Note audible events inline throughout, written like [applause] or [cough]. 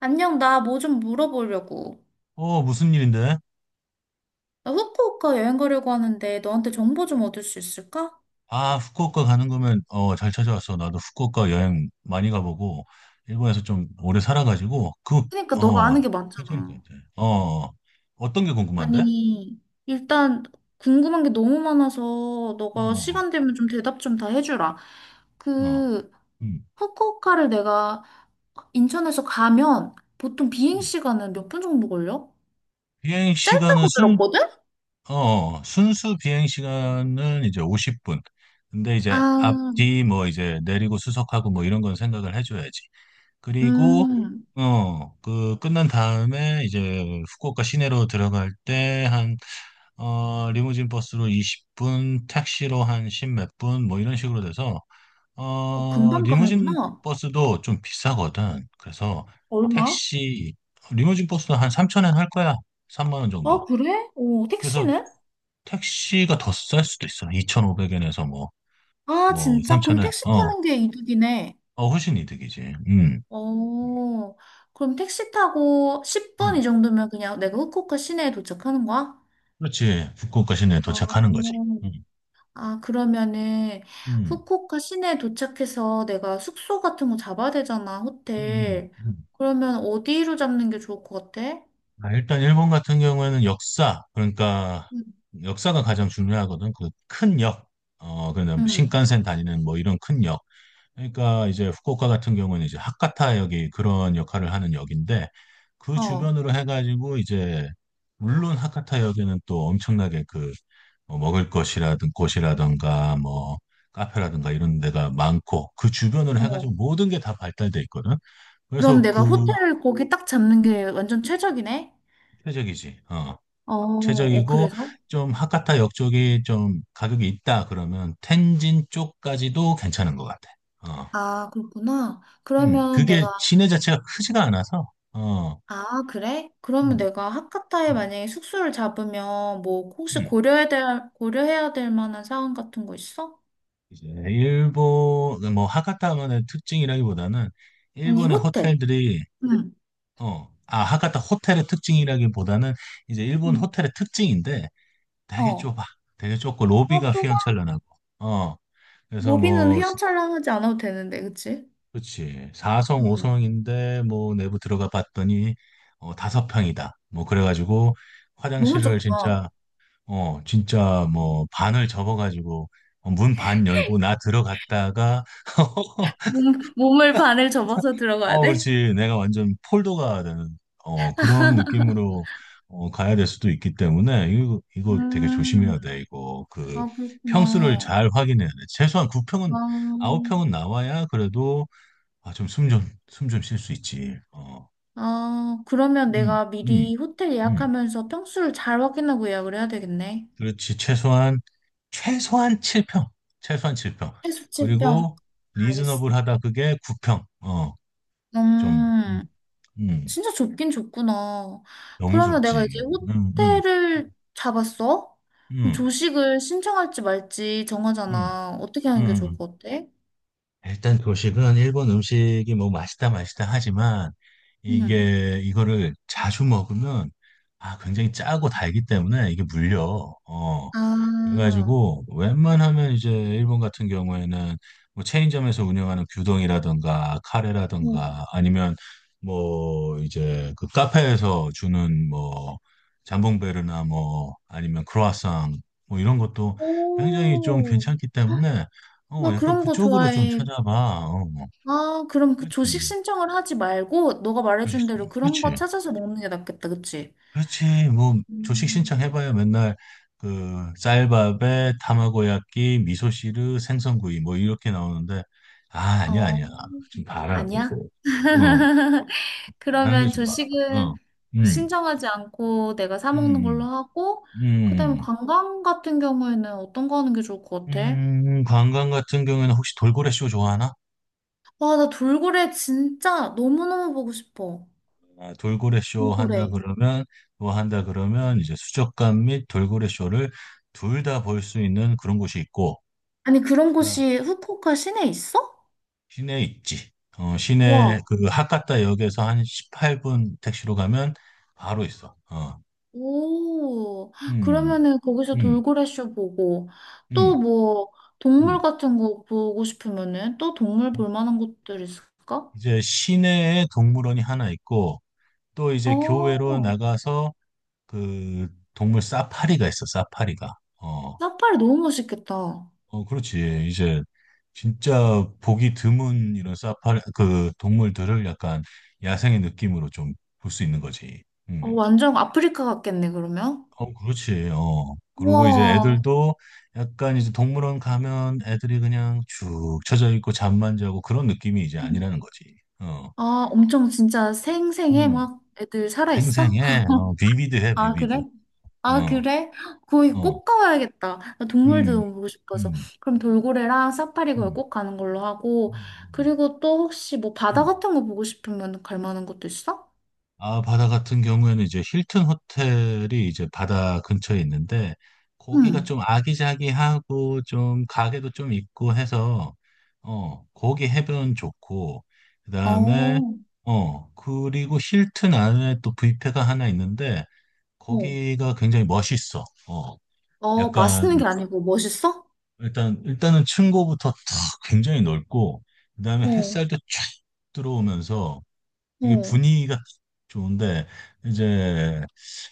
안녕, 나 뭐 좀 물어보려고. 어, 무슨 일인데? 나 후쿠오카 여행 가려고 하는데 너한테 정보 좀 얻을 수 있을까? 아, 후쿠오카 가는 거면, 잘 찾아왔어. 나도 후쿠오카 여행 많이 가보고, 일본에서 좀 오래 살아가지고, 그, 그러니까 너가 어, 아는 게 괜찮을 것 많잖아. 같아. 어떤 게 궁금한데? 아니, 일단 궁금한 게 너무 많아서 어, 너가 어, 시간 되면 좀 대답 좀 다 해주라. 어. 그 음. 후쿠오카를 내가 인천에서 가면 보통 비행 음. 시간은 몇 분 정도 걸려? 비행 시간은 짧다고 순, 들었거든? 어, 순수 비행 시간은 이제 50분. 근데 이제 아, 앞뒤 뭐 이제 내리고 수속하고 뭐 이런 건 생각을 해줘야지. 그리고 음, 그 끝난 다음에 이제 후쿠오카 시내로 들어갈 때 한 리무진 버스로 20분, 택시로 한 10 몇 분 뭐 이런 식으로 돼서 어, 금방 리무진 가는구나. 버스도 좀 비싸거든. 그래서 얼마? 택시 리무진 버스도 한 3천엔 할 거야. 3만 원 아, 정도. 그래? 어, 그래서 택시는? 택시가 더 쌀 수도 있어. 2,500엔에서 뭐, 아, 뭐, 진짜? 그럼 어, 3,000엔. 택시 어, 타는 게 이득이네. 어, 훨씬 이득이지. 음, 어, 그럼 택시 타고 10분 음. 이 정도면 그냥 내가 후쿠오카 시내에 도착하는 거야? 그렇지. 북극과 시내에 어, 도착하는 거지. 음, 아, 그러면은 음, 후쿠오카 시내에 도착해서 내가 숙소 같은 거 잡아야 되잖아, 호텔. 음. 그러면 어디로 잡는 게 좋을 것 같아? 아, 일단 일본 같은 경우에는 역사, 그러니까 응, 역사가 가장 중요하거든. 그 큰 역, 그냥 응, 신칸센 다니는 뭐 이런 큰 역. 그러니까 이제 후쿠오카 같은 경우는 이제 하카타 역이 그런 역할을 하는 역인데 그 어, 주변으로 해가지고 이제 물론 하카타 역에는 또 엄청나게 그뭐 먹을 것이라든 곳이라든가 뭐 카페라든가 이런 데가 많고 그 주변으로 해가지고 어. 모든 게 다 발달돼 있거든. 그럼 그래서 내가 그 호텔을 거기 딱 잡는 게 완전 최적이네? 최적이지. 어. 어, 어, 최적이고 그래서? 좀 하카타 역 쪽이 좀 가격이 있다 그러면 텐진 쪽까지도 괜찮은 것 같아. 어. 아, 그렇구나. 그러면 그게 내가 시내 자체가 크지가 않아서. 아, 그래? 그러면 음, 내가 하카타에 음, 만약에 숙소를 잡으면 뭐 혹시 음. 고려해야 될, 고려해야 될 만한 사항 같은 거 있어? 이제 일본, 뭐, 하카타만의 특징이라기보다는, 아니, 일본의 호텔. 호텔들이, 응. 하카타 호텔의 특징이라기보다는, 이제 일본 응. 호텔의 특징인데, 되게 어. 좁아. 되게 좁고, 아, 로비가 좁아. 휘황찬란하고, 어, 그래서 로비는 뭐, 휘황찬란하지 않아도 되는데, 그치? 그치, 4성, 응. 5성인데, 뭐, 내부 들어가 봤더니, 5평이다. 뭐, 그래가지고, 너무 화장실을 좁다. 진짜, 진짜 뭐 반을 접어가지고 문반 열고 나 들어갔다가 [laughs] 몸을 반을 접어서 들어가야 어, 돼? 그렇지. 내가 완전 폴더가 되는 그런 느낌으로 가야 될 수도 있기 때문에 이거 되게 음. 조심해야 돼. 이거 그 아, 평수를 그렇구나. 잘 확인해야 돼. 최소한 아, 9평은 나와야 그래도 아, 좀 숨 좀 쉴 수 있지. 어. 아, 그러면 음. 내가 음. 미리 호텔 음. 예약하면서 평수를 잘 확인하고 예약을 해야 되겠네. 그렇지. 최소한 7평. 최소한 7평. 해수 칠평 그리고 알겠어. 리즈너블하다 그게 9평. 좀, 음, 음, 진짜 좁긴 좁구나. 너무 그러면 내가 이제 좁지. 음, 음, 호텔을 잡았어? 그럼 음, 조식을 신청할지 말지 음, 정하잖아. 어떻게 하는 게 좋을 음. 것 같아? 일단 도식은 일본 음식이 뭐 맛있다 맛있다 하지만 응. 이거를 자주 먹으면 아, 굉장히 짜고 달기 때문에 이게 물려. 어. 아, 그래가지고 웬만하면 이제 일본 같은 경우에는 뭐 체인점에서 운영하는 규동이라든가 응. 카레라든가 아니면 뭐 이제 그 카페에서 주는 뭐 잠봉베르나 뭐 아니면 크로아상 뭐 이런 것도 굉장히 좀 오, 괜찮기 때문에 나 약간 그런 거 그쪽으로 좀 좋아해. 찾아봐. 어, 어. 아, 그럼 그 그렇지. 조식 신청을 하지 말고, 너가 말해준 조식, 대로 그런 거 그렇지. 찾아서 먹는 게 낫겠다, 그치? 그렇지. 뭐 조식 음, 신청해봐야 맨날 그 쌀밥에 타마고야끼, 미소시루, 생선구이 뭐 이렇게 나오는데 아, 아니야, 어, 아니야. 지금 봐라 아니야? 이거. 어, [laughs] 안 하는 게 그러면 좋아. 어, 조식은 음, 신청하지 않고 내가 사 먹는 걸로 음, 하고, 그다음에 음, 관광 같은 경우에는 어떤 거 하는 게 좋을 것 같아? 관광 같은 경우에는 혹시 돌고래 쇼 좋아하나? 와, 나 돌고래 진짜 너무너무 보고 싶어. 아, 돌고래 쇼 한다 돌고래. 그러면 뭐 한다 그러면 이제 수족관 및 돌고래 쇼를 둘 다 볼 수 있는 그런 곳이 있고. 아니, 그런 곳이 후쿠오카 시내에 있어? 시내에 있지. 어, 시내 와. 그 하카타 역에서 한 18분 택시로 가면 바로 있어. 어. 오, 음, 그러면은 거기서 음, 돌고래 쇼 보고, 또 음, 뭐, 동물 음. 같은 거 보고 싶으면은 또 동물 볼 만한 곳들 있을까? 이제 시내에 동물원이 하나 있고 또 이제 교외로 어, 나가서 그 동물 사파리가 있어. 사파리가. 어, 사파리 너무 멋있겠다. 어, 그렇지. 이제 진짜 보기 드문 이런 사파리 그 동물들을 약간 야생의 느낌으로 좀 볼 수 있는 거지. 어, 음. 완전 아프리카 같겠네, 그러면? 어, 그렇지. 어. 그리고 이제 우와. 애들도 약간 이제 동물원 가면 애들이 그냥 쭉 처져 있고 잠만 자고 그런 느낌이 이제 음. 아니라는 거지. 어. 아, 엄청 진짜 생생해, 음. 막 애들 살아있어? 생생해. 어, 비비드해, 아, 비비드. 그래? 아, 어. 그래? 거기 어. 꼭 가봐야겠다. 나 동물도 음. 너무 보고 싶어서. 음. 그럼 돌고래랑 사파리 걸 음. 꼭 가는 걸로 하고, 음. 음. 그리고 또 혹시 뭐 바다 음. 같은 거 보고 싶으면 갈 만한 것도 있어? 아, 바다 같은 경우에는 이제 힐튼 호텔이 이제 바다 근처에 있는데, 거기가 응. 좀 아기자기하고 좀 가게도 좀 있고 해서, 거기 해변 좋고, 그 다음에, 어, 그리고 힐튼 안에 또 뷔페가 하나 있는데, 어. 거기가 굉장히 멋있어. 어, 어, 맛있는 게 약간, 아니고 멋있어? 일단은 층고부터 탁 굉장히 넓고, 그 다음에 어, 햇살도 쫙 들어오면서, 이게 어, 분위기가 좋은데 이제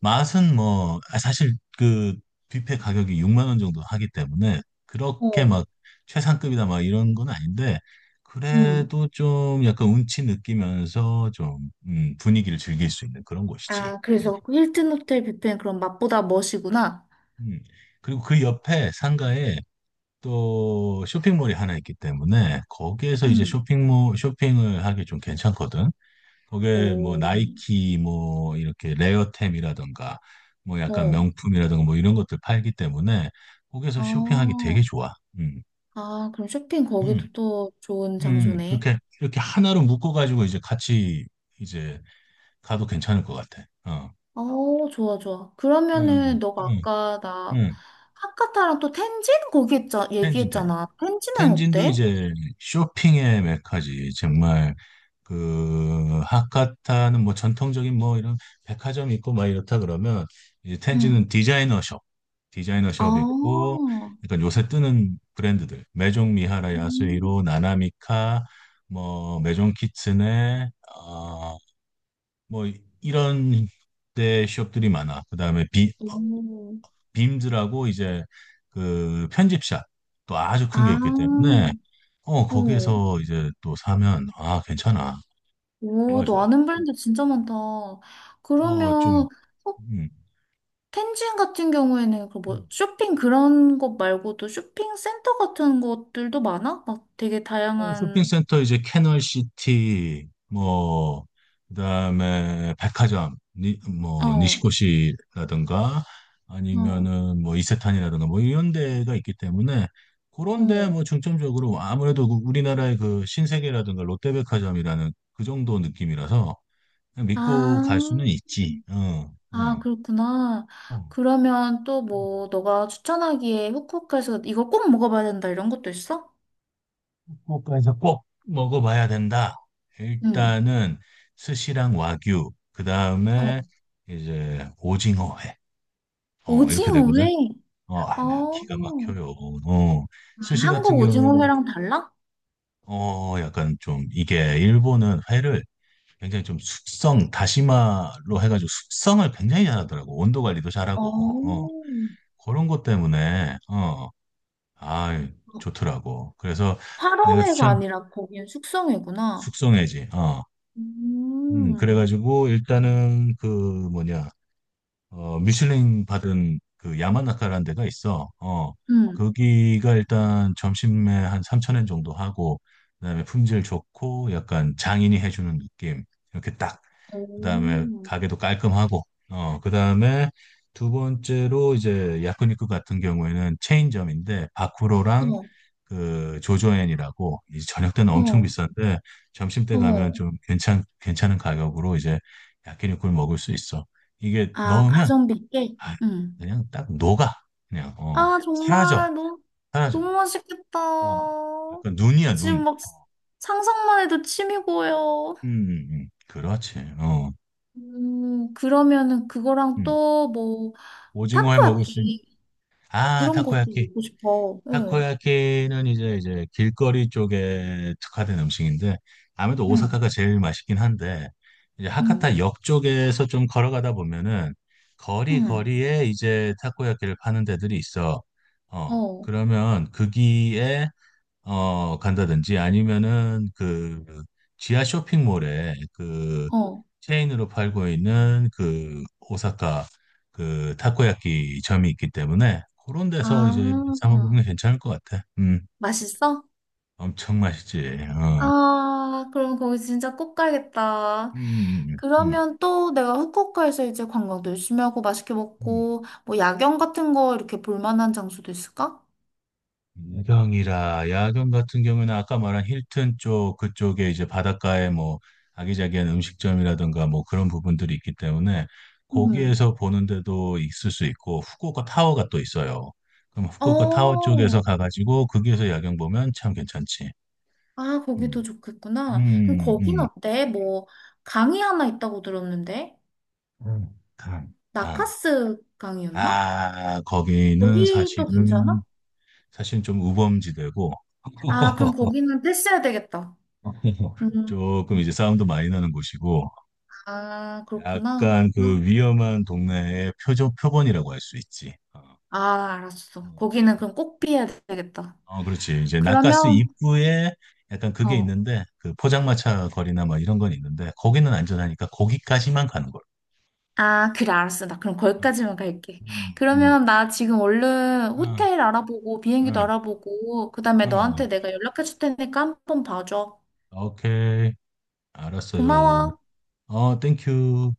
맛은 뭐 아, 사실 그 뷔페 가격이 6만 원 정도 하기 때문에 그렇게 어. 막 최상급이다 막 이런 건 아닌데 응. 그래도 좀 약간 운치 느끼면서 좀 분위기를 즐길 수 있는 그런 곳이지. 아, 음. 그래서 그 힐튼 호텔 뷔페는 그럼 맛보다 멋이구나. 음. 그리고 그 옆에 상가에 또 쇼핑몰이 하나 있기 때문에 거기에서 이제 음. 쇼핑몰 쇼핑을 하기 좀 괜찮거든. 거기에 뭐 오, 나이키 뭐 이렇게 레어템이라던가 뭐 약간 어, 명품이라던가 뭐 이런 것들 팔기 때문에 거기서 쇼핑하기 되게 아, 좋아. 음. 아, 그럼 쇼핑 음. 거기도 또 좋은 음. 장소네. 그렇게 이렇게 하나로 묶어 가지고 이제 같이 이제 가도 괜찮을 것 같아. 어. 어, 좋아, 좋아. 응. 그러면은 너가 응. 아까 나 응. 하카타랑 또 텐진 거기 텐진 텐 얘기했잖아. 텐진은 텐진도 어때? 이제 쇼핑의 메카지. 정말 그 하카타는 뭐 전통적인 뭐 이런 백화점 있고 막 이렇다 그러면 이제 응 텐지는 디자이너 숍 아 있고 약간 요새 뜨는 브랜드들 메종 미하라 음, 야스히로 나나미카 뭐 메종 키츠네 어뭐 이런 데 숍들이 많아. 그다음에 오, 빔즈라고 이제 그 편집샵 또 아주 큰 게 아, 있기 때문에 어, 거기에서 이제 또 사면 아, 괜찮아. 오, 좋아, 너 좋아. 아는 브랜드 진짜 많다. 어, 좀, 그러면 음. 텐진 같은 경우에는 그 뭐 음. 쇼핑 그런 것 말고도 쇼핑 센터 같은 것들도 많아? 막 되게 서울 다양한 쇼핑센터 이제 캐널시티, 뭐, 그다음에 백화점, 어, 니시코시라든가, 그래? 어, 아니면은 뭐, 이세탄이라든가, 뭐, 이런 데가 있기 때문에, 그런 데 어. 뭐, 중점적으로 아무래도 그 우리나라의 그 신세계라든가 롯데백화점이라는 그 정도 느낌이라서, 그냥 아, 믿고 갈 수는 있지. 어, 아 그렇구나. 어. 그러면 또 뭐 너가 추천하기에 후쿠오카에서 이거 꼭 먹어봐야 된다 이런 것도 있어? 후쿠오카에서 꼭 먹어봐야 된다. 응. 일단은 스시랑 와규, 그 어, 다음에 이제 오징어회. 어, 이렇게 오징어 회. 되거든. 어, 아, 기가 어, 막혀요. 어, 아, 스시 한국 같은 오징어 경우에는 회랑 달라? 약간 좀 이게 일본은 회를 굉장히 좀 숙성, 다시마로 해가지고 숙성을 굉장히 잘하더라고. 온도 관리도 잘하고. 어, 어, 그런 것 때문에 아, 좋더라고. 그래서 내가 활어회가 추천 아니라 거기는 숙성회구나. 숙성회지. 어. 음. 그래가지고 일단은 그 뭐냐 미슐랭 받은 그 야마나카라는 데가 있어. 어. 응, 거기가 일단 점심에 한 3천엔 정도 하고 그다음에 품질 좋고 약간 장인이 해주는 느낌 이렇게 딱 그다음에 오. 가게도 깔끔하고 그다음에 두 번째로 이제 야쿠니쿠 같은 경우에는 체인점인데 바쿠로랑 어, 그 조조엔이라고 이 저녁 때는 엄청 어, 비싼데 점심 때 가면 어. 좀 괜찮은 가격으로 이제 야끼니쿠를 먹을 수 있어. 이게 아, 넣으면 가성비 꽤? 아, 응. 그냥 딱 녹아, 그냥 아, 사라져, 정말 너무, 사라져. 너무 맛있겠다. 어 약간 눈이야, 눈. 지금 막 상상만 해도 침이 고여. 그렇지. 어. 그러면은 그거랑 음. 또 뭐, 오징어회 먹을 수 있... 타코야끼 아, 이런 것도 타코야끼 먹고 싶어. 응, 타코야키는 이제 길거리 쪽에 특화된 음식인데 아무래도 응, 오사카가 제일 맛있긴 한데 이제 응, 하카타 역 쪽에서 좀 걸어가다 보면은 거리 응. 거리에 이제 타코야키를 파는 데들이 있어. 어. 그러면 거기에 간다든지 아니면은 그 지하 쇼핑몰에 그 어. 체인으로 팔고 있는 그 오사카 그 타코야키 점이 있기 때문에 그런 데서 이제 사 아, 먹으면 괜찮을 것 같아. 맛있어? 엄청 맛있지. 어. 아, 그럼 거기 진짜 꼭 가야겠다. 음, 음, 음, 그러면 또 내가 후쿠오카에서 이제 관광도 열심히 하고 맛있게 음. 먹고 뭐 야경 같은 거 이렇게 볼 만한 장소도 있을까? 야경이라, 야경 같은 경우는 에 아까 말한 힐튼 쪽 그쪽에 이제 바닷가에 뭐 아기자기한 음식점이라든가 뭐 그런 부분들이 있기 때문에 음. 거기에서 보는데도 있을 수 있고 후쿠오카 타워가 또 있어요. 그럼 후쿠오카 타워 쪽에서 어. 가가지고 거기에서 야경 보면 참 괜찮지. 아, 거기도 음, 좋겠구나. 그럼 음, 거긴 음. 어때? 뭐 강이 하나 있다고 들었는데. 강, 강. 나카스 강이었나? 아, 거기는 거기도 괜찮아? 사실 좀 우범지대고 아, 그럼 거기는 패스해야 되겠다. [laughs] 음. 조금 이제 싸움도 많이 나는 곳이고 아, 그렇구나. 약간 그 음. 위험한 동네의 표적 표본이라고 할 수 있지. 어, 아, 알았어. 음. 거기는 그럼 꼭 피해야 되겠다. 어, 그렇지. 이제 낙가스 그러면 입구에 약간 그게 어. 있는데 그 포장마차 거리나 뭐 이런 건 있는데 거기는 안전하니까 거기까지만 가는 걸. 아, 그래, 알았어. 나 그럼 어, 거기까지만 갈게. 음, 음, 그러면 나 지금 얼른 어, 호텔 알아보고, 비행기도 어, 알아보고, 그 다음에 어. 너한테 내가 연락해 줄 테니까 한번 봐줘. 오케이. 알았어요. 고마워. 어, 땡큐.